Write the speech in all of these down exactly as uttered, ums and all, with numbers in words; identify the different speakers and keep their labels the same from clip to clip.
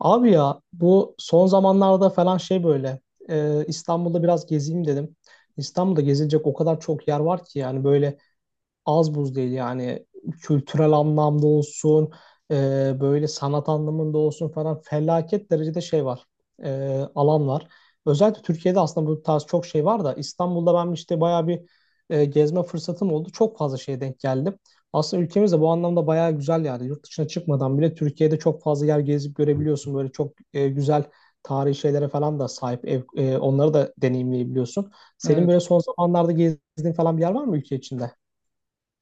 Speaker 1: Abi ya bu son zamanlarda falan şey böyle e, İstanbul'da biraz gezeyim dedim. İstanbul'da gezilecek o kadar çok yer var ki yani böyle az buz değil yani kültürel anlamda olsun e, böyle sanat anlamında olsun falan felaket derecede şey var e, alan var. Özellikle Türkiye'de aslında bu tarz çok şey var da İstanbul'da ben işte bayağı bir e, gezme fırsatım oldu. Çok fazla şeye denk geldim. Aslında ülkemiz de bu anlamda bayağı güzel yani. Yurt dışına çıkmadan bile Türkiye'de çok fazla yer gezip görebiliyorsun. Böyle çok e, güzel tarihi şeylere falan da sahip. Ev- e, onları da deneyimleyebiliyorsun. Senin
Speaker 2: Evet.
Speaker 1: böyle son zamanlarda gezdiğin falan bir yer var mı ülke içinde?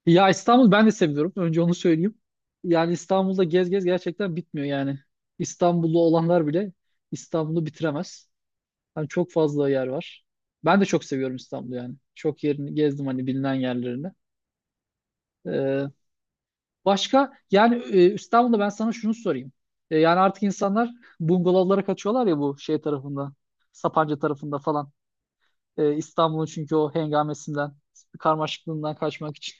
Speaker 2: Ya İstanbul ben de seviyorum. Önce onu söyleyeyim. Yani İstanbul'da gez gez gerçekten bitmiyor yani. İstanbullu olanlar bile İstanbul'u bitiremez. Hani çok fazla yer var. Ben de çok seviyorum İstanbul'u yani. Çok yerini gezdim hani bilinen yerlerini. Ee, başka yani e, İstanbul'da ben sana şunu sorayım. E, yani artık insanlar bungalovlara kaçıyorlar ya bu şey tarafında. Sapanca tarafında falan. E, İstanbul'un çünkü o hengamesinden, karmaşıklığından kaçmak için.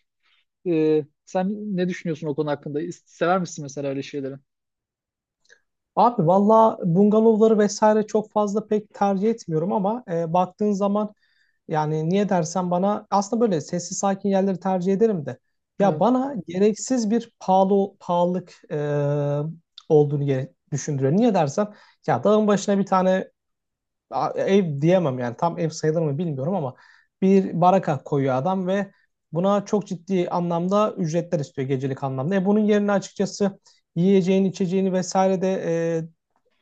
Speaker 2: Ee, sen ne düşünüyorsun o konu hakkında? Sever misin mesela öyle şeyleri?
Speaker 1: Abi valla bungalovları vesaire çok fazla pek tercih etmiyorum ama e, baktığın zaman yani niye dersen bana aslında böyle sessiz sakin yerleri tercih ederim de ya
Speaker 2: Evet,
Speaker 1: bana gereksiz bir pahalı pahalılık e, olduğunu gere- düşündürüyor. Niye dersen ya dağın başına bir tane a- ev diyemem yani tam ev sayılır mı bilmiyorum ama bir baraka koyuyor adam ve buna çok ciddi anlamda ücretler istiyor gecelik anlamda. E bunun yerine açıkçası yiyeceğini, içeceğini vesaire de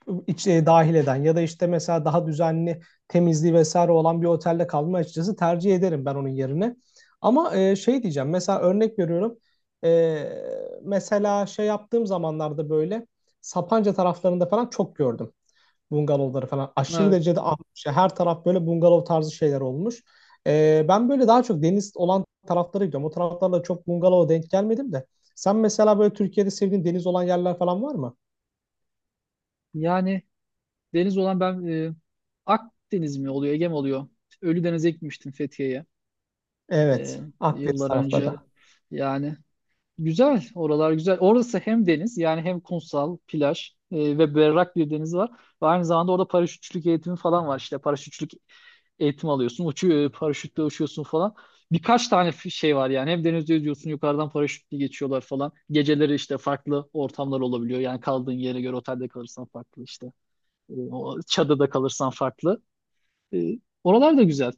Speaker 1: e, iç, e, dahil eden ya da işte mesela daha düzenli temizliği vesaire olan bir otelde kalmayı açıkçası tercih ederim ben onun yerine. Ama e, şey diyeceğim mesela örnek veriyorum. E, Mesela şey yaptığım zamanlarda böyle Sapanca taraflarında falan çok gördüm bungalovları falan aşırı
Speaker 2: evet.
Speaker 1: derecede artmış. Yani her taraf böyle bungalov tarzı şeyler olmuş. Ee, ben böyle daha çok deniz olan taraflara gidiyorum. O taraflarla çok bungalova denk gelmedim de. Sen mesela böyle Türkiye'de sevdiğin deniz olan yerler falan var mı?
Speaker 2: Yani deniz olan ben e, Akdeniz mi oluyor, Ege mi oluyor? Ölüdeniz'e gitmiştim Fethiye'ye e,
Speaker 1: Evet, Akdeniz
Speaker 2: yıllar önce.
Speaker 1: tarafları.
Speaker 2: Yani güzel, oralar güzel. Orası hem deniz yani hem kumsal, plaj e, ve berrak bir deniz var. Ve aynı zamanda orada paraşütçülük eğitimi falan var işte. Paraşütçülük eğitim alıyorsun. Uçuyor, paraşütle uçuyorsun falan. Birkaç tane f- şey var yani. Hem denizde yüzüyorsun, yukarıdan paraşütle geçiyorlar falan. Geceleri işte farklı ortamlar olabiliyor. Yani kaldığın yere göre otelde kalırsan farklı işte. E, o çadırda kalırsan farklı. E, Oralar da güzel.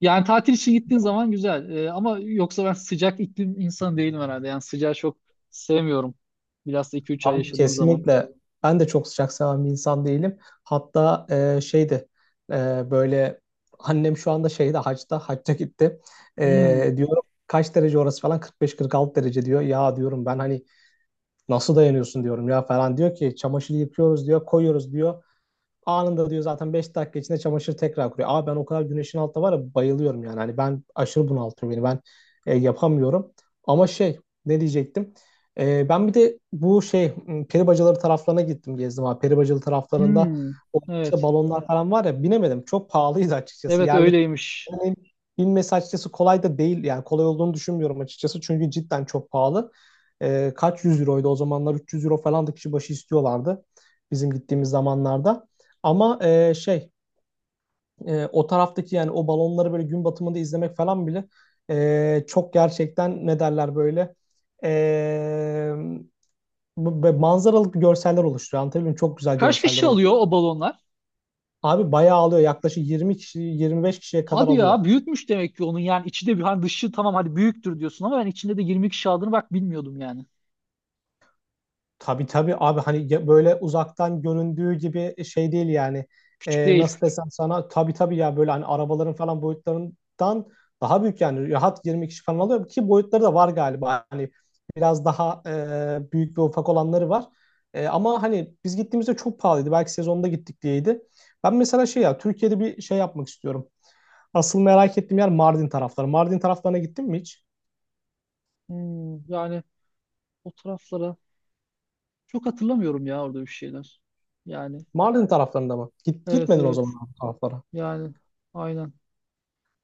Speaker 2: Yani tatil için gittiğin zaman güzel. E, ama yoksa ben sıcak iklim insanı değilim herhalde. Yani sıcağı çok sevmiyorum. Bilhassa iki üç ay
Speaker 1: Abi
Speaker 2: yaşadığın zaman.
Speaker 1: kesinlikle. Ben de çok sıcak seven bir insan değilim. Hatta e, şeydi e, böyle annem şu anda şeyde hacda, hacca gitti.
Speaker 2: Hmm,
Speaker 1: E, diyorum kaç derece orası falan kırk beş kırk altı derece diyor. Ya diyorum ben hani nasıl dayanıyorsun diyorum ya falan diyor ki çamaşırı yıkıyoruz diyor koyuyoruz diyor. Anında diyor zaten beş dakika içinde çamaşır tekrar kuruyor. Abi ben o kadar güneşin altında var ya bayılıyorum yani. Hani ben aşırı bunaltıyor beni. Ben e, yapamıyorum. Ama şey ne diyecektim? E, ben bir de bu şey m, peri bacaları taraflarına gittim gezdim abi. Peri bacalı taraflarında
Speaker 2: hmm.
Speaker 1: o işte
Speaker 2: Evet.
Speaker 1: balonlar falan var ya binemedim. Çok pahalıydı açıkçası.
Speaker 2: Evet
Speaker 1: Yerli
Speaker 2: öyleymiş.
Speaker 1: yani binmesi açıkçası kolay da değil. Yani kolay olduğunu düşünmüyorum açıkçası. Çünkü cidden çok pahalı. E, kaç yüz euroydu o zamanlar? üç yüz euro falan da kişi başı istiyorlardı bizim gittiğimiz zamanlarda. Ama e, şey e, o taraftaki yani o balonları böyle gün batımında izlemek falan bile e, çok gerçekten ne derler böyle e, bu- bu- manzaralık görseller oluşturuyor. Anlatabiliyor muyum? Çok güzel
Speaker 2: Kaç
Speaker 1: görseller
Speaker 2: kişi
Speaker 1: oluyor.
Speaker 2: alıyor o balonlar?
Speaker 1: Abi bayağı alıyor. Yaklaşık yirmi kişi yirmi beş kişiye kadar
Speaker 2: Hadi ya
Speaker 1: alıyor.
Speaker 2: büyükmüş demek ki onun yani içi de hani dışı tamam hadi büyüktür diyorsun ama ben içinde de yirmi iki kişi aldığını bak bilmiyordum yani.
Speaker 1: Tabii tabii abi hani ya- böyle uzaktan göründüğü gibi şey değil yani.
Speaker 2: Küçük
Speaker 1: Ee,
Speaker 2: değil.
Speaker 1: nasıl desem sana tabii tabii ya böyle hani arabaların falan boyutlarından daha büyük yani rahat yirmi kişi falan alıyor ki boyutları da var galiba. Hani biraz daha e, büyük ve ufak olanları var. E, ama hani biz gittiğimizde çok pahalıydı. Belki sezonda gittik diyeydi. Ben mesela şey ya Türkiye'de bir şey yapmak istiyorum. Asıl merak ettiğim yer Mardin tarafları. Mardin taraflarına gittin mi hiç?
Speaker 2: Hmm, yani o taraflara çok hatırlamıyorum ya orada bir şeyler. Yani
Speaker 1: Mardin taraflarında mı? Git,
Speaker 2: evet,
Speaker 1: gitmedin o
Speaker 2: evet,
Speaker 1: zaman abi taraflara.
Speaker 2: yani aynen.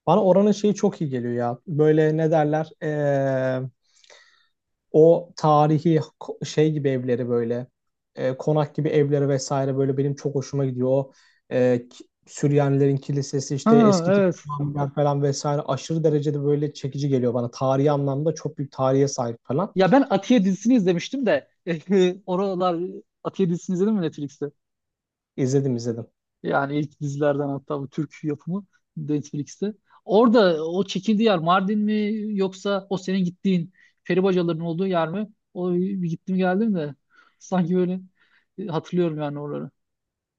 Speaker 1: Bana oranın şeyi çok iyi geliyor ya. Böyle ne derler? Ee, o tarihi ko- şey gibi evleri böyle e, konak gibi evleri vesaire böyle benim çok hoşuma gidiyor. O e, ki- Süryanilerin kilisesi
Speaker 2: Ha,
Speaker 1: işte eski tip
Speaker 2: evet.
Speaker 1: camiler falan vesaire aşırı derecede böyle çekici geliyor bana. Tarihi anlamda çok büyük tarihe sahip falan.
Speaker 2: Ya ben Atiye dizisini izlemiştim de oralar Atiye dizisini izledin mi Netflix'te?
Speaker 1: İzledim izledim.
Speaker 2: Yani ilk dizilerden hatta bu Türk yapımı Netflix'te. Orada o çekildiği yer Mardin mi yoksa o senin gittiğin peribacaların olduğu yer mi? O bir gittim geldim de sanki böyle e, hatırlıyorum yani oraları.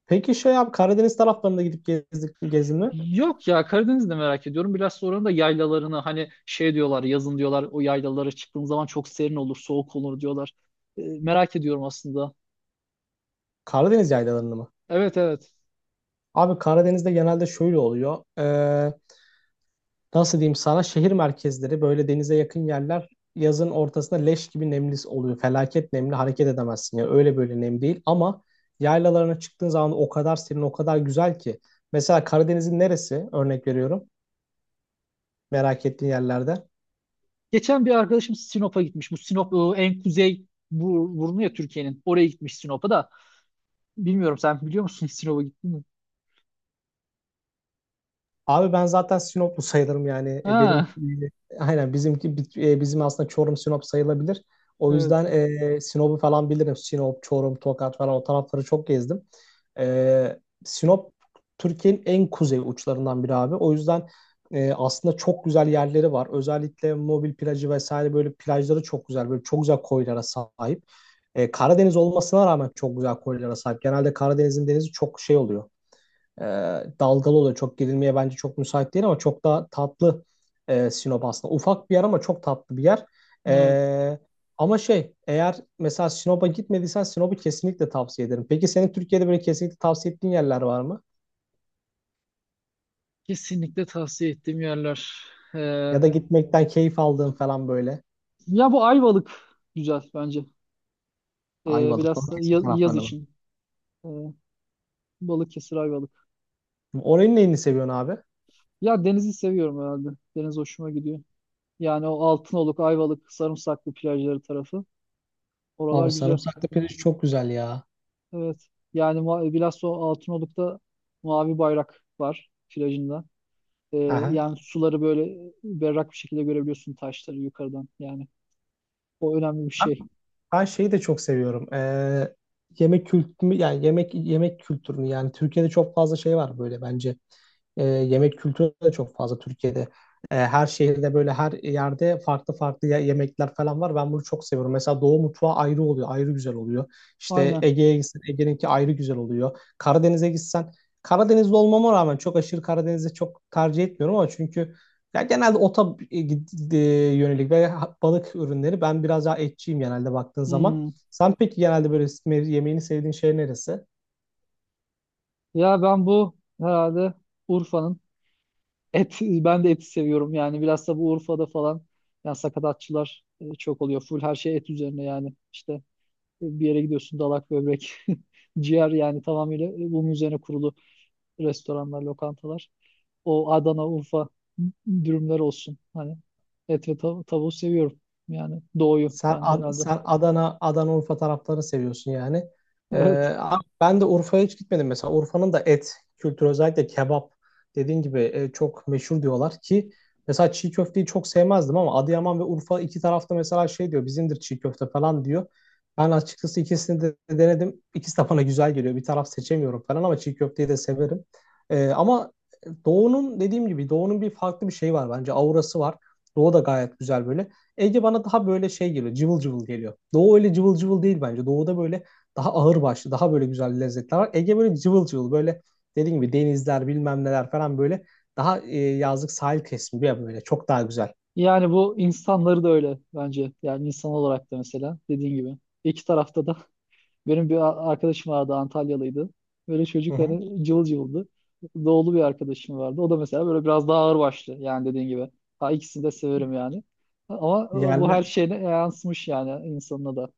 Speaker 1: Peki şey abi Karadeniz taraflarında gidip gezdik, gezdin mi?
Speaker 2: Yok ya Karadeniz'de merak ediyorum. Biraz sonra da yaylalarını hani şey diyorlar yazın diyorlar o yaylalara çıktığın zaman çok serin olur soğuk olur diyorlar. E, merak ediyorum aslında.
Speaker 1: Karadeniz yaylalarını mı?
Speaker 2: Evet, evet.
Speaker 1: Abi Karadeniz'de genelde şöyle oluyor. Ee, nasıl diyeyim sana şehir merkezleri böyle denize yakın yerler yazın ortasında leş gibi nemli oluyor. Felaket nemli hareket edemezsin ya öyle böyle nem değil ama yaylalarına çıktığın zaman o kadar serin o kadar güzel ki. Mesela Karadeniz'in neresi örnek veriyorum merak ettiğin yerlerde.
Speaker 2: Geçen bir arkadaşım Sinop'a gitmiş. Bu Sinop e, en kuzey bu- burnu ya Türkiye'nin. Oraya gitmiş Sinop'a da. Bilmiyorum sen biliyor musun Sinop'a gittin mi?
Speaker 1: Abi ben zaten Sinoplu sayılırım yani. E, benim
Speaker 2: Ha,
Speaker 1: e, aynen bizimki bi- e, bizim aslında Çorum Sinop sayılabilir. O
Speaker 2: evet,
Speaker 1: yüzden e, Sinop'u falan bilirim. Sinop, Çorum, Tokat falan o tarafları çok gezdim. E, Sinop Türkiye'nin en kuzey uçlarından biri abi. O yüzden e, aslında çok güzel yerleri var. Özellikle mobil plajı vesaire böyle plajları çok güzel. Böyle çok güzel koylara sahip. E, Karadeniz olmasına rağmen çok güzel koylara sahip. Genelde Karadeniz'in denizi çok şey oluyor, e, dalgalı oluyor. Çok gerilmeye bence çok müsait değil ama çok daha tatlı e, Sinop aslında. Ufak bir yer ama çok tatlı bir yer.
Speaker 2: evet.
Speaker 1: E, Ama şey eğer mesela Sinop'a gitmediysen Sinop'u kesinlikle tavsiye ederim. Peki senin Türkiye'de böyle kesinlikle tavsiye ettiğin yerler var mı?
Speaker 2: Kesinlikle tavsiye ettiğim yerler. Ee,
Speaker 1: Ya da gitmekten keyif aldığın falan böyle.
Speaker 2: ya bu Ayvalık güzel bence. Ee,
Speaker 1: Ayvalık,
Speaker 2: biraz da
Speaker 1: Balıkesir
Speaker 2: ya- yaz
Speaker 1: taraflarına mı?
Speaker 2: için. Ee, Balıkesir Ayvalık.
Speaker 1: Oranın neyini seviyorsun abi?
Speaker 2: Ya denizi seviyorum herhalde. Deniz hoşuma gidiyor. Yani o Altınoluk, Ayvalık, Sarımsaklı plajları tarafı. Oralar
Speaker 1: Abi
Speaker 2: güzel.
Speaker 1: sarımsaklı pirinç çok güzel ya.
Speaker 2: Evet. Yani ma- bilhassa o Altınoluk'ta mavi bayrak var plajında. Ee,
Speaker 1: Aha.
Speaker 2: yani suları böyle berrak bir şekilde görebiliyorsun taşları yukarıdan yani. O önemli bir şey.
Speaker 1: Ben şeyi de çok seviyorum. Ee, yemek kültürü yani yemek yemek kültürünü yani Türkiye'de çok fazla şey var böyle bence. Ee, yemek kültürü de çok fazla Türkiye'de. Ee, her şehirde böyle her yerde farklı farklı ye- yemekler falan var. Ben bunu çok seviyorum. Mesela Doğu mutfağı ayrı oluyor, ayrı güzel oluyor. İşte
Speaker 2: Aynen.
Speaker 1: Ege'ye gitsen Ege'ninki ayrı güzel oluyor. Karadeniz'e gitsen Karadenizli olmama rağmen çok aşırı Karadeniz'i çok tercih etmiyorum ama çünkü ya genelde ota e, e, yönelik ve balık ürünleri. Ben biraz daha etçiyim genelde baktığın zaman.
Speaker 2: Hmm.
Speaker 1: Sen peki genelde böyle me- yemeğini sevdiğin şey neresi?
Speaker 2: Ya ben bu herhalde Urfa'nın et ben de eti seviyorum yani biraz da bu Urfa'da falan yani sakatatçılar e, çok oluyor. Full her şey et üzerine yani işte e, bir yere gidiyorsun dalak böbrek ciğer yani tamamıyla e, bunun üzerine kurulu restoranlar, lokantalar. O Adana, Urfa dürümler olsun. Hani et ve tav tavuğu seviyorum. Yani doğuyu
Speaker 1: Sen,
Speaker 2: ben de
Speaker 1: Ad-
Speaker 2: herhalde.
Speaker 1: sen Adana, Adana Urfa taraflarını seviyorsun yani. Ee, Abi ben de Urfa'ya hiç gitmedim mesela. Urfa'nın da et kültürü özellikle kebap dediğin gibi e, çok meşhur diyorlar ki mesela çiğ köfteyi çok sevmezdim ama Adıyaman ve Urfa iki tarafta mesela şey diyor bizimdir çiğ köfte falan diyor. Ben açıkçası ikisini de denedim. İkisi de bana güzel geliyor. Bir taraf seçemiyorum falan ama çiğ köfteyi de severim. Ee, ama Doğu'nun dediğim gibi Doğu'nun bir farklı bir şeyi var bence. Aurası var. Doğu da gayet güzel böyle. Ege bana daha böyle şey geliyor. Cıvıl cıvıl geliyor. Doğu öyle cıvıl cıvıl değil bence. Doğu'da böyle daha ağır başlı, daha böyle güzel lezzetler var. Ege böyle cıvıl cıvıl böyle dediğim gibi denizler bilmem neler falan böyle daha e, yazlık sahil kesimi ya böyle çok daha güzel.
Speaker 2: Yani bu insanları da öyle bence. Yani insan olarak da mesela dediğin gibi. İki tarafta da benim bir a- arkadaşım vardı Antalyalıydı. Böyle
Speaker 1: Hı
Speaker 2: çocuk
Speaker 1: hı.
Speaker 2: hani cıvıl cıvıldı. Doğulu bir arkadaşım vardı. O da mesela böyle biraz daha ağırbaşlı yani dediğin gibi. Ha, ikisini de severim yani. Ama e, bu
Speaker 1: Yerler,
Speaker 2: her şeyine yansımış yani insanına da.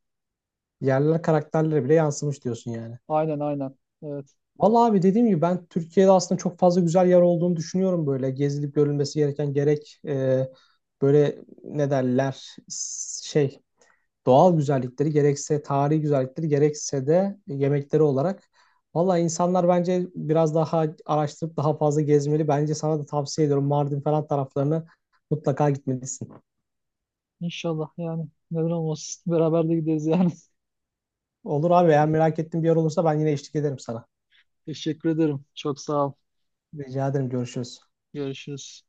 Speaker 1: yerler karakterlere bile yansımış diyorsun yani.
Speaker 2: Aynen, aynen. Evet.
Speaker 1: Vallahi abi dediğim gibi ben Türkiye'de aslında çok fazla güzel yer olduğunu düşünüyorum böyle. Gezilip görülmesi gereken gerek e, böyle ne derler s- şey doğal güzellikleri gerekse tarihi güzellikleri gerekse de yemekleri olarak. Valla insanlar bence biraz daha araştırıp daha fazla gezmeli. Bence sana da tavsiye ediyorum Mardin falan taraflarını mutlaka gitmelisin.
Speaker 2: İnşallah yani neden olmasın. Beraber de gideriz yani.
Speaker 1: Olur abi eğer merak ettiğin bir yer olursa ben yine eşlik ederim sana.
Speaker 2: Teşekkür ederim. Çok sağ ol.
Speaker 1: Rica ederim görüşürüz.
Speaker 2: Görüşürüz.